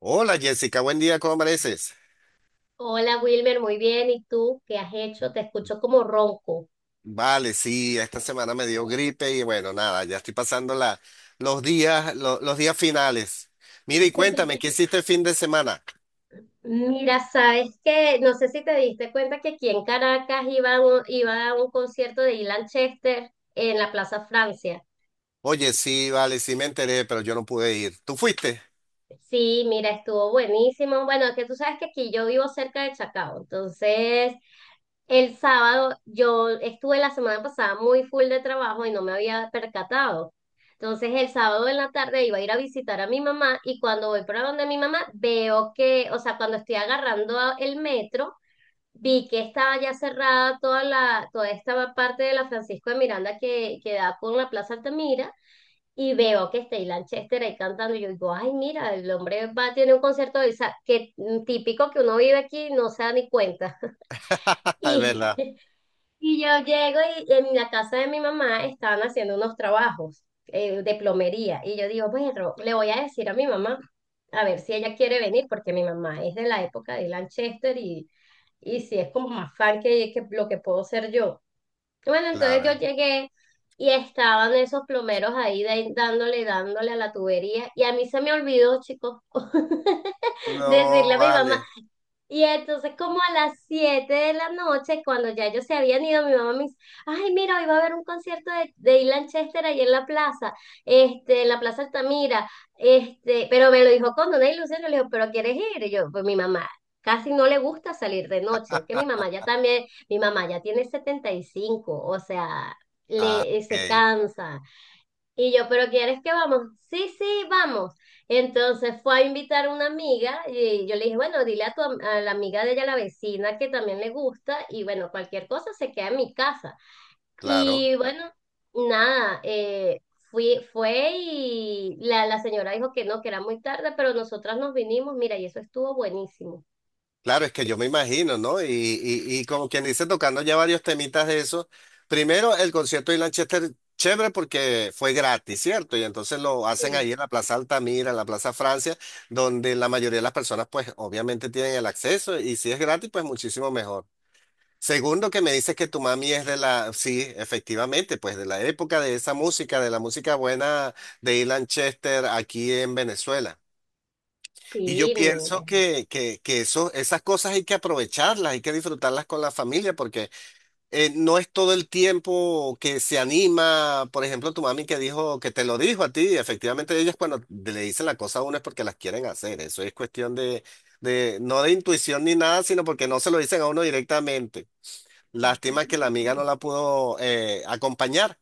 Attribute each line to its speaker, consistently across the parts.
Speaker 1: Hola Jessica, buen día, ¿cómo amaneces?
Speaker 2: Hola Wilmer, muy bien. ¿Y tú qué has hecho? Te escucho como ronco.
Speaker 1: Vale, sí, esta semana me dio gripe y bueno, nada, ya estoy pasando los días, los días finales. Mira y cuéntame, ¿qué hiciste el fin de semana?
Speaker 2: Mira, sabes que no sé si te diste cuenta que aquí en Caracas iba a un concierto de Ilan Chester en la Plaza Francia.
Speaker 1: Oye, sí, vale, sí me enteré, pero yo no pude ir. ¿Tú fuiste?
Speaker 2: Sí, mira, estuvo buenísimo. Bueno, es que tú sabes que aquí yo vivo cerca de Chacao, entonces el sábado yo estuve la semana pasada muy full de trabajo y no me había percatado. Entonces el sábado en la tarde iba a ir a visitar a mi mamá y cuando voy para donde mi mamá veo que, o sea, cuando estoy agarrando el metro, vi que estaba ya cerrada toda esta parte de la Francisco de Miranda que da por la Plaza Altamira y veo que está Ilan Chester ahí cantando y yo digo, ay, mira, el hombre va, tiene un concierto, o sea, que típico que uno vive aquí, no se da ni cuenta.
Speaker 1: Es verdad,
Speaker 2: Y yo llego y en la casa de mi mamá estaban haciendo unos trabajos de plomería. Y yo digo, bueno, le voy a decir a mi mamá, a ver si ella quiere venir, porque mi mamá es de la época de Lanchester y si es como más fan que lo que puedo ser yo. Bueno, entonces yo
Speaker 1: claro.
Speaker 2: llegué y estaban esos plomeros ahí dándole a la tubería. Y a mí se me olvidó, chicos, decirle
Speaker 1: No,
Speaker 2: a mi mamá,
Speaker 1: vale.
Speaker 2: y entonces como a las 7 de la noche, cuando ya ellos se habían ido, mi mamá me dice, ay, mira, hoy va a haber un concierto de Ilan Chester ahí en la plaza, en la plaza Altamira, pero me lo dijo con una ilusión, yo le digo, pero ¿quieres ir? Y yo, pues mi mamá casi no le gusta salir de noche, es que mi mamá ya también, mi mamá ya tiene 75, o sea,
Speaker 1: Ah,
Speaker 2: se
Speaker 1: ok,
Speaker 2: cansa, y yo, pero ¿quieres que vamos? Sí, sí, vamos. Entonces fue a invitar a una amiga y yo le dije, bueno, dile a la amiga de ella, la vecina, que también le gusta y bueno, cualquier cosa se queda en mi casa.
Speaker 1: claro.
Speaker 2: Y bueno, nada, fue y la señora dijo que no, que era muy tarde, pero nosotras nos vinimos, mira, y eso estuvo buenísimo.
Speaker 1: Claro, es que yo me imagino, ¿no? Y como quien dice, tocando ya varios temitas de eso. Primero, el concierto de Lanchester, chévere porque fue gratis, ¿cierto? Y entonces lo hacen ahí
Speaker 2: Sí.
Speaker 1: en la Plaza Altamira, en la Plaza Francia, donde la mayoría de las personas, pues obviamente tienen el acceso y si es gratis, pues muchísimo mejor. Segundo, que me dices que tu mami es de la, sí, efectivamente, pues de la época de esa música, de la música buena de Ilan Chester aquí en Venezuela. Y yo
Speaker 2: Sí,
Speaker 1: pienso
Speaker 2: mira.
Speaker 1: que eso, esas cosas hay que aprovecharlas, hay que disfrutarlas con la familia, porque no es todo el tiempo que se anima. Por ejemplo, tu mami que dijo, que te lo dijo a ti, efectivamente ellas cuando le dicen la cosa a uno es porque las quieren hacer. Eso es cuestión no de intuición ni nada, sino porque no se lo dicen a uno directamente. Lástima que la amiga no la pudo acompañar,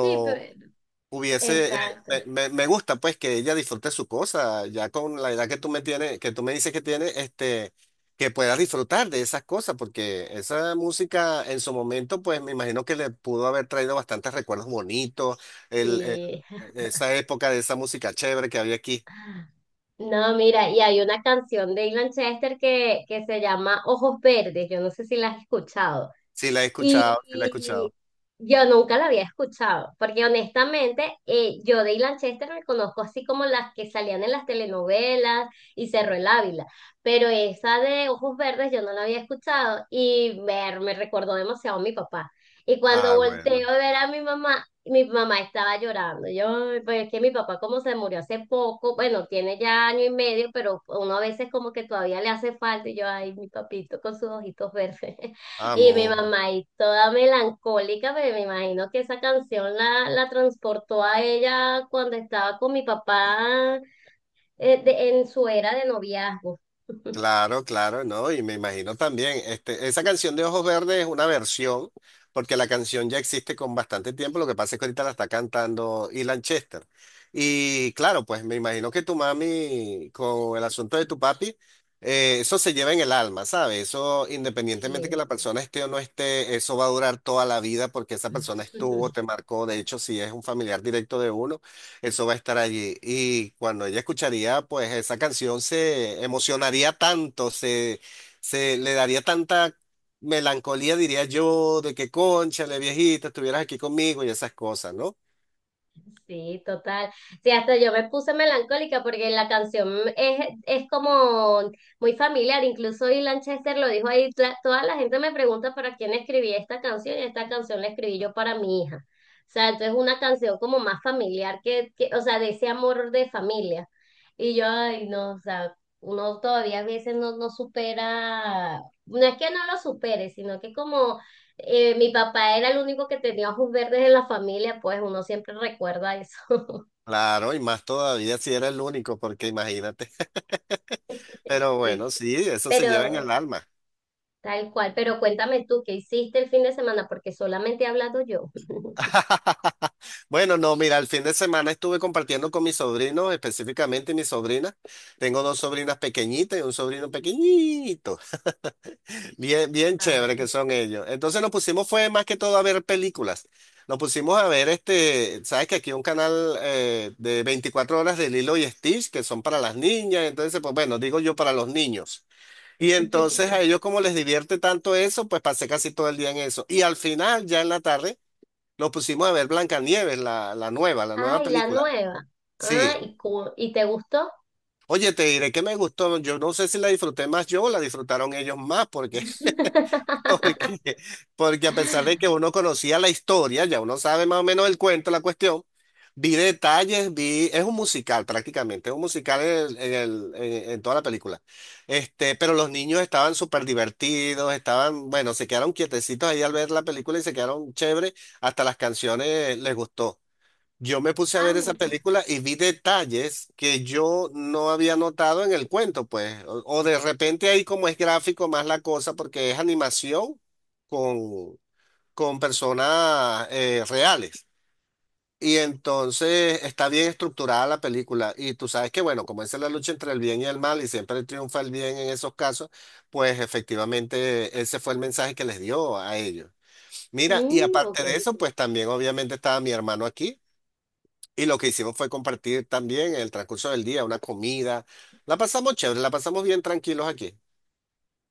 Speaker 2: Sí, pero
Speaker 1: hubiese,
Speaker 2: exacto.
Speaker 1: me gusta pues que ella disfrute su cosa, ya con la edad que tú me tienes, que tú me dices que tiene, este, que puedas disfrutar de esas cosas, porque esa música en su momento, pues me imagino que le pudo haber traído bastantes recuerdos bonitos, el, el-
Speaker 2: Sí.
Speaker 1: esa época de esa música chévere que había aquí.
Speaker 2: No, mira, y hay una canción de Ilan Chester que se llama Ojos Verdes, yo no sé si la has escuchado.
Speaker 1: Sí, la he
Speaker 2: Y,
Speaker 1: escuchado, sí la he escuchado.
Speaker 2: y yo nunca la había escuchado, porque honestamente yo de Ilan Chester me conozco así como las que salían en las telenovelas y Cerro el Ávila, pero esa de Ojos Verdes yo no la había escuchado y me recordó demasiado a mi papá. Y cuando
Speaker 1: Ah, bueno,
Speaker 2: volteo a ver a mi mamá estaba llorando. Yo, "Ay, pues es que mi papá como se murió hace poco, bueno, tiene ya año y medio, pero uno a veces como que todavía le hace falta y yo, ay, mi papito con sus ojitos verdes. Y mi
Speaker 1: amo.
Speaker 2: mamá ahí toda melancólica, pero me imagino que esa canción la transportó a ella cuando estaba con mi papá en su era de noviazgo.
Speaker 1: Claro, claro, ¿no? Y me imagino también, este, esa canción de Ojos Verdes es una versión, porque la canción ya existe con bastante tiempo, lo que pasa es que ahorita la está cantando Ilan Chester. Y claro, pues me imagino que tu mami, con el asunto de tu papi, eso se lleva en el alma, ¿sabes? Eso, independientemente que
Speaker 2: Sí.
Speaker 1: la persona esté o no esté, eso va a durar toda la vida porque esa persona estuvo, te marcó, de hecho, si es un familiar directo de uno. Eso va a estar allí. Y cuando ella escucharía, pues esa canción se emocionaría tanto, se le daría tanta melancolía, diría yo, de que cónchale, viejita, estuvieras aquí conmigo y esas cosas, ¿no?
Speaker 2: Sí, total. Sí, hasta yo me puse melancólica porque la canción es como muy familiar, incluso y Lanchester lo dijo ahí, toda la gente me pregunta para quién escribí esta canción y esta canción la escribí yo para mi hija. O sea, entonces es una canción como más familiar o sea, de ese amor de familia. Y yo, ay, no, o sea, uno todavía a veces no, no supera, no es que no lo supere, sino que como mi papá era el único que tenía ojos verdes en la familia, pues uno siempre recuerda eso,
Speaker 1: Claro, y más todavía si era el único, porque imagínate. Pero
Speaker 2: sí,
Speaker 1: bueno, sí, eso se lleva en el
Speaker 2: pero
Speaker 1: alma.
Speaker 2: tal cual, pero cuéntame tú, ¿qué hiciste el fin de semana? Porque solamente he hablado yo.
Speaker 1: Bueno, no, mira, el fin de semana estuve compartiendo con mis sobrinos, específicamente mi sobrina. Tengo dos sobrinas pequeñitas y un sobrino pequeñito. Bien, bien chévere
Speaker 2: Ah.
Speaker 1: que son ellos. Entonces nos pusimos fue más que todo a ver películas. Nos pusimos a ver este, sabes que aquí hay un canal de 24 horas de Lilo y Stitch que son para las niñas, entonces pues bueno, digo yo para los niños. Y entonces a ellos como les divierte tanto eso, pues pasé casi todo el día en eso. Y al final, ya en la tarde, nos pusimos a ver Blancanieves, la nueva
Speaker 2: Ay, la
Speaker 1: película.
Speaker 2: nueva. Ah,
Speaker 1: Sí.
Speaker 2: ¿y, cu- y te gustó?
Speaker 1: Oye, te diré que me gustó, yo no sé si la disfruté más yo o la disfrutaron ellos más, porque Porque, porque a pesar de que uno conocía la historia, ya uno sabe más o menos el cuento, la cuestión, vi detalles, vi, es un musical prácticamente, es un musical en toda la película. Este, pero los niños estaban súper divertidos, estaban, bueno, se quedaron quietecitos ahí al ver la película y se quedaron chévere, hasta las canciones les gustó. Yo me puse a
Speaker 2: Ah,
Speaker 1: ver esa
Speaker 2: mira.
Speaker 1: película y vi detalles que yo no había notado en el cuento, pues. O de repente ahí como es gráfico más la cosa porque es animación con, con personas reales. Y entonces está bien estructurada la película. Y tú sabes que, bueno, como esa es la lucha entre el bien y el mal y siempre triunfa el bien en esos casos, pues efectivamente ese fue el mensaje que les dio a ellos. Mira, y
Speaker 2: Mm,
Speaker 1: aparte
Speaker 2: ok.
Speaker 1: de eso, pues también obviamente estaba mi hermano aquí. Y lo que hicimos fue compartir también en el transcurso del día una comida. La pasamos chévere, la pasamos bien tranquilos aquí.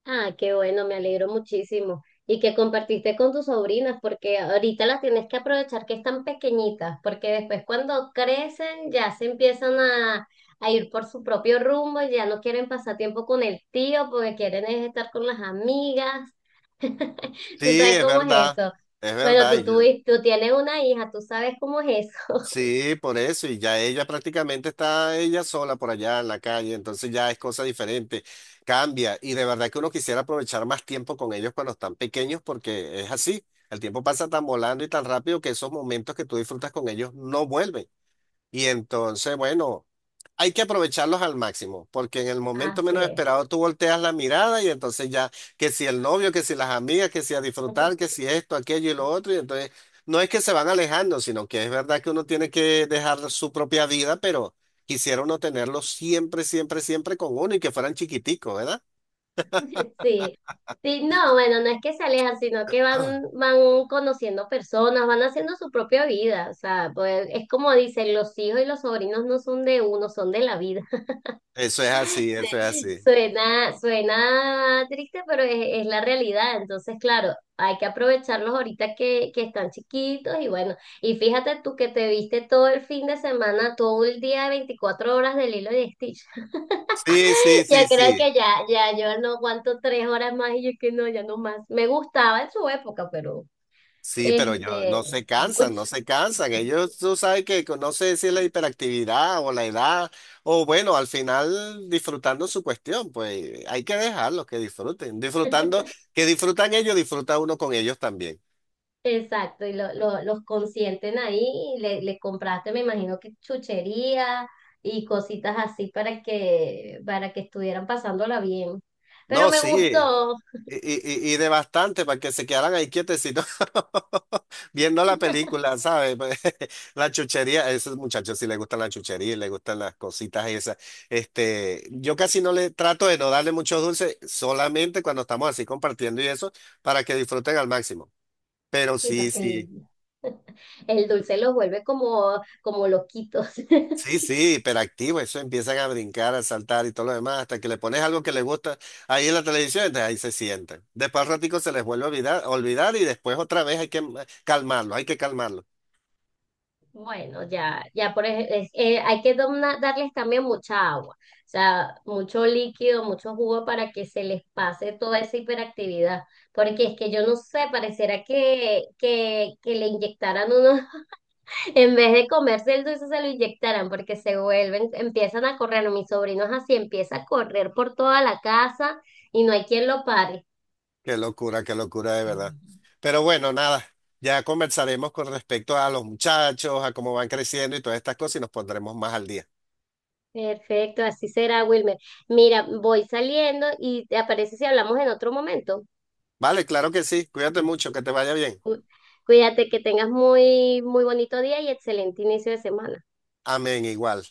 Speaker 2: Ah, qué bueno, me alegro muchísimo. Y que compartiste con tus sobrinas, porque ahorita las tienes que aprovechar que están pequeñitas, porque después cuando crecen ya se empiezan a ir por su propio rumbo, ya no quieren pasar tiempo con el tío, porque quieren es estar con las amigas. ¿Tú
Speaker 1: Sí,
Speaker 2: sabes
Speaker 1: es
Speaker 2: cómo es
Speaker 1: verdad,
Speaker 2: eso?
Speaker 1: es
Speaker 2: Bueno,
Speaker 1: verdad.
Speaker 2: tú, tú, tú tienes una hija, tú sabes cómo es eso.
Speaker 1: Sí, por eso. Y ya ella prácticamente está ella sola por allá en la calle, entonces ya es cosa diferente, cambia. Y de verdad que uno quisiera aprovechar más tiempo con ellos cuando están pequeños porque es así. El tiempo pasa tan volando y tan rápido que esos momentos que tú disfrutas con ellos no vuelven. Y entonces, bueno, hay que aprovecharlos al máximo, porque en el momento
Speaker 2: Así
Speaker 1: menos
Speaker 2: es.
Speaker 1: esperado tú volteas la mirada y entonces ya, que si el novio, que si las amigas, que si a disfrutar, que si esto, aquello y lo otro, y entonces no es que se van alejando, sino que es verdad que uno tiene que dejar su propia vida, pero quisiera uno tenerlos siempre, siempre, siempre con uno y que fueran chiquiticos, ¿verdad?
Speaker 2: Sí, sí, no, bueno, no es que se alejan, sino que van, van conociendo personas, van haciendo su propia vida, o sea, pues es como dicen, los hijos y los sobrinos no son de uno, son de la vida.
Speaker 1: Eso es así, eso es así.
Speaker 2: Suena, suena triste, pero es la realidad, entonces, claro, hay que aprovecharlos ahorita que están chiquitos y bueno, y fíjate tú que te viste todo el fin de semana, todo el día, 24 horas del hilo de Stitch.
Speaker 1: Sí, sí,
Speaker 2: Yo
Speaker 1: sí,
Speaker 2: creo
Speaker 1: sí.
Speaker 2: que ya, ya, yo no aguanto 3 horas más y yo que no, ya no más. Me gustaba en su época, pero
Speaker 1: Sí, pero yo
Speaker 2: este,
Speaker 1: se cansan,
Speaker 2: mucho.
Speaker 1: no se cansan. Ellos, tú sabes que no sé si es la hiperactividad o la edad, o bueno, al final disfrutando su cuestión, pues hay que dejarlos que disfruten. Disfrutando, que disfrutan ellos, disfruta uno con ellos también.
Speaker 2: Exacto, y los consienten ahí y le compraste, me imagino que chuchería y cositas así para que estuvieran pasándola bien. Pero
Speaker 1: No,
Speaker 2: me
Speaker 1: sí.
Speaker 2: gustó,
Speaker 1: Y, y de bastante para que se quedaran ahí quietecitos viendo la película, ¿sabes? Pues, la chuchería, a esos muchachos sí les gustan la chuchería, y les gustan las cositas esas. Este, yo casi no le trato de no darle muchos dulces, solamente cuando estamos así compartiendo y eso, para que disfruten al máximo. Pero
Speaker 2: sí,
Speaker 1: sí,
Speaker 2: porque
Speaker 1: sí.
Speaker 2: el, dulce los vuelve como, como loquitos.
Speaker 1: Sí, sí, hiperactivo, eso empiezan a brincar, a saltar y todo lo demás, hasta que le pones algo que les gusta ahí en la televisión, entonces ahí se sientan. Después al ratico se les vuelve a olvidar, y después otra vez hay que calmarlo, hay que calmarlo.
Speaker 2: Bueno, ya por hay que darles también mucha agua, o sea, mucho líquido, mucho jugo para que se les pase toda esa hiperactividad, porque es que yo no sé, pareciera que le inyectaran uno, en vez de comerse el dulce, se lo inyectaran, porque se vuelven, empiezan a correr, no, mi sobrino es así, empieza a correr por toda la casa y no hay quien lo pare.
Speaker 1: Qué locura de verdad. Pero bueno, nada, ya conversaremos con respecto a los muchachos, a cómo van creciendo y todas estas cosas y nos pondremos más al día.
Speaker 2: Perfecto, así será, Wilmer. Mira, voy saliendo y te aparece si hablamos en otro momento.
Speaker 1: Vale, claro que sí, cuídate mucho, que te vaya bien.
Speaker 2: Cu- Cuídate, que tengas muy, muy bonito día y excelente inicio de semana.
Speaker 1: Amén, igual.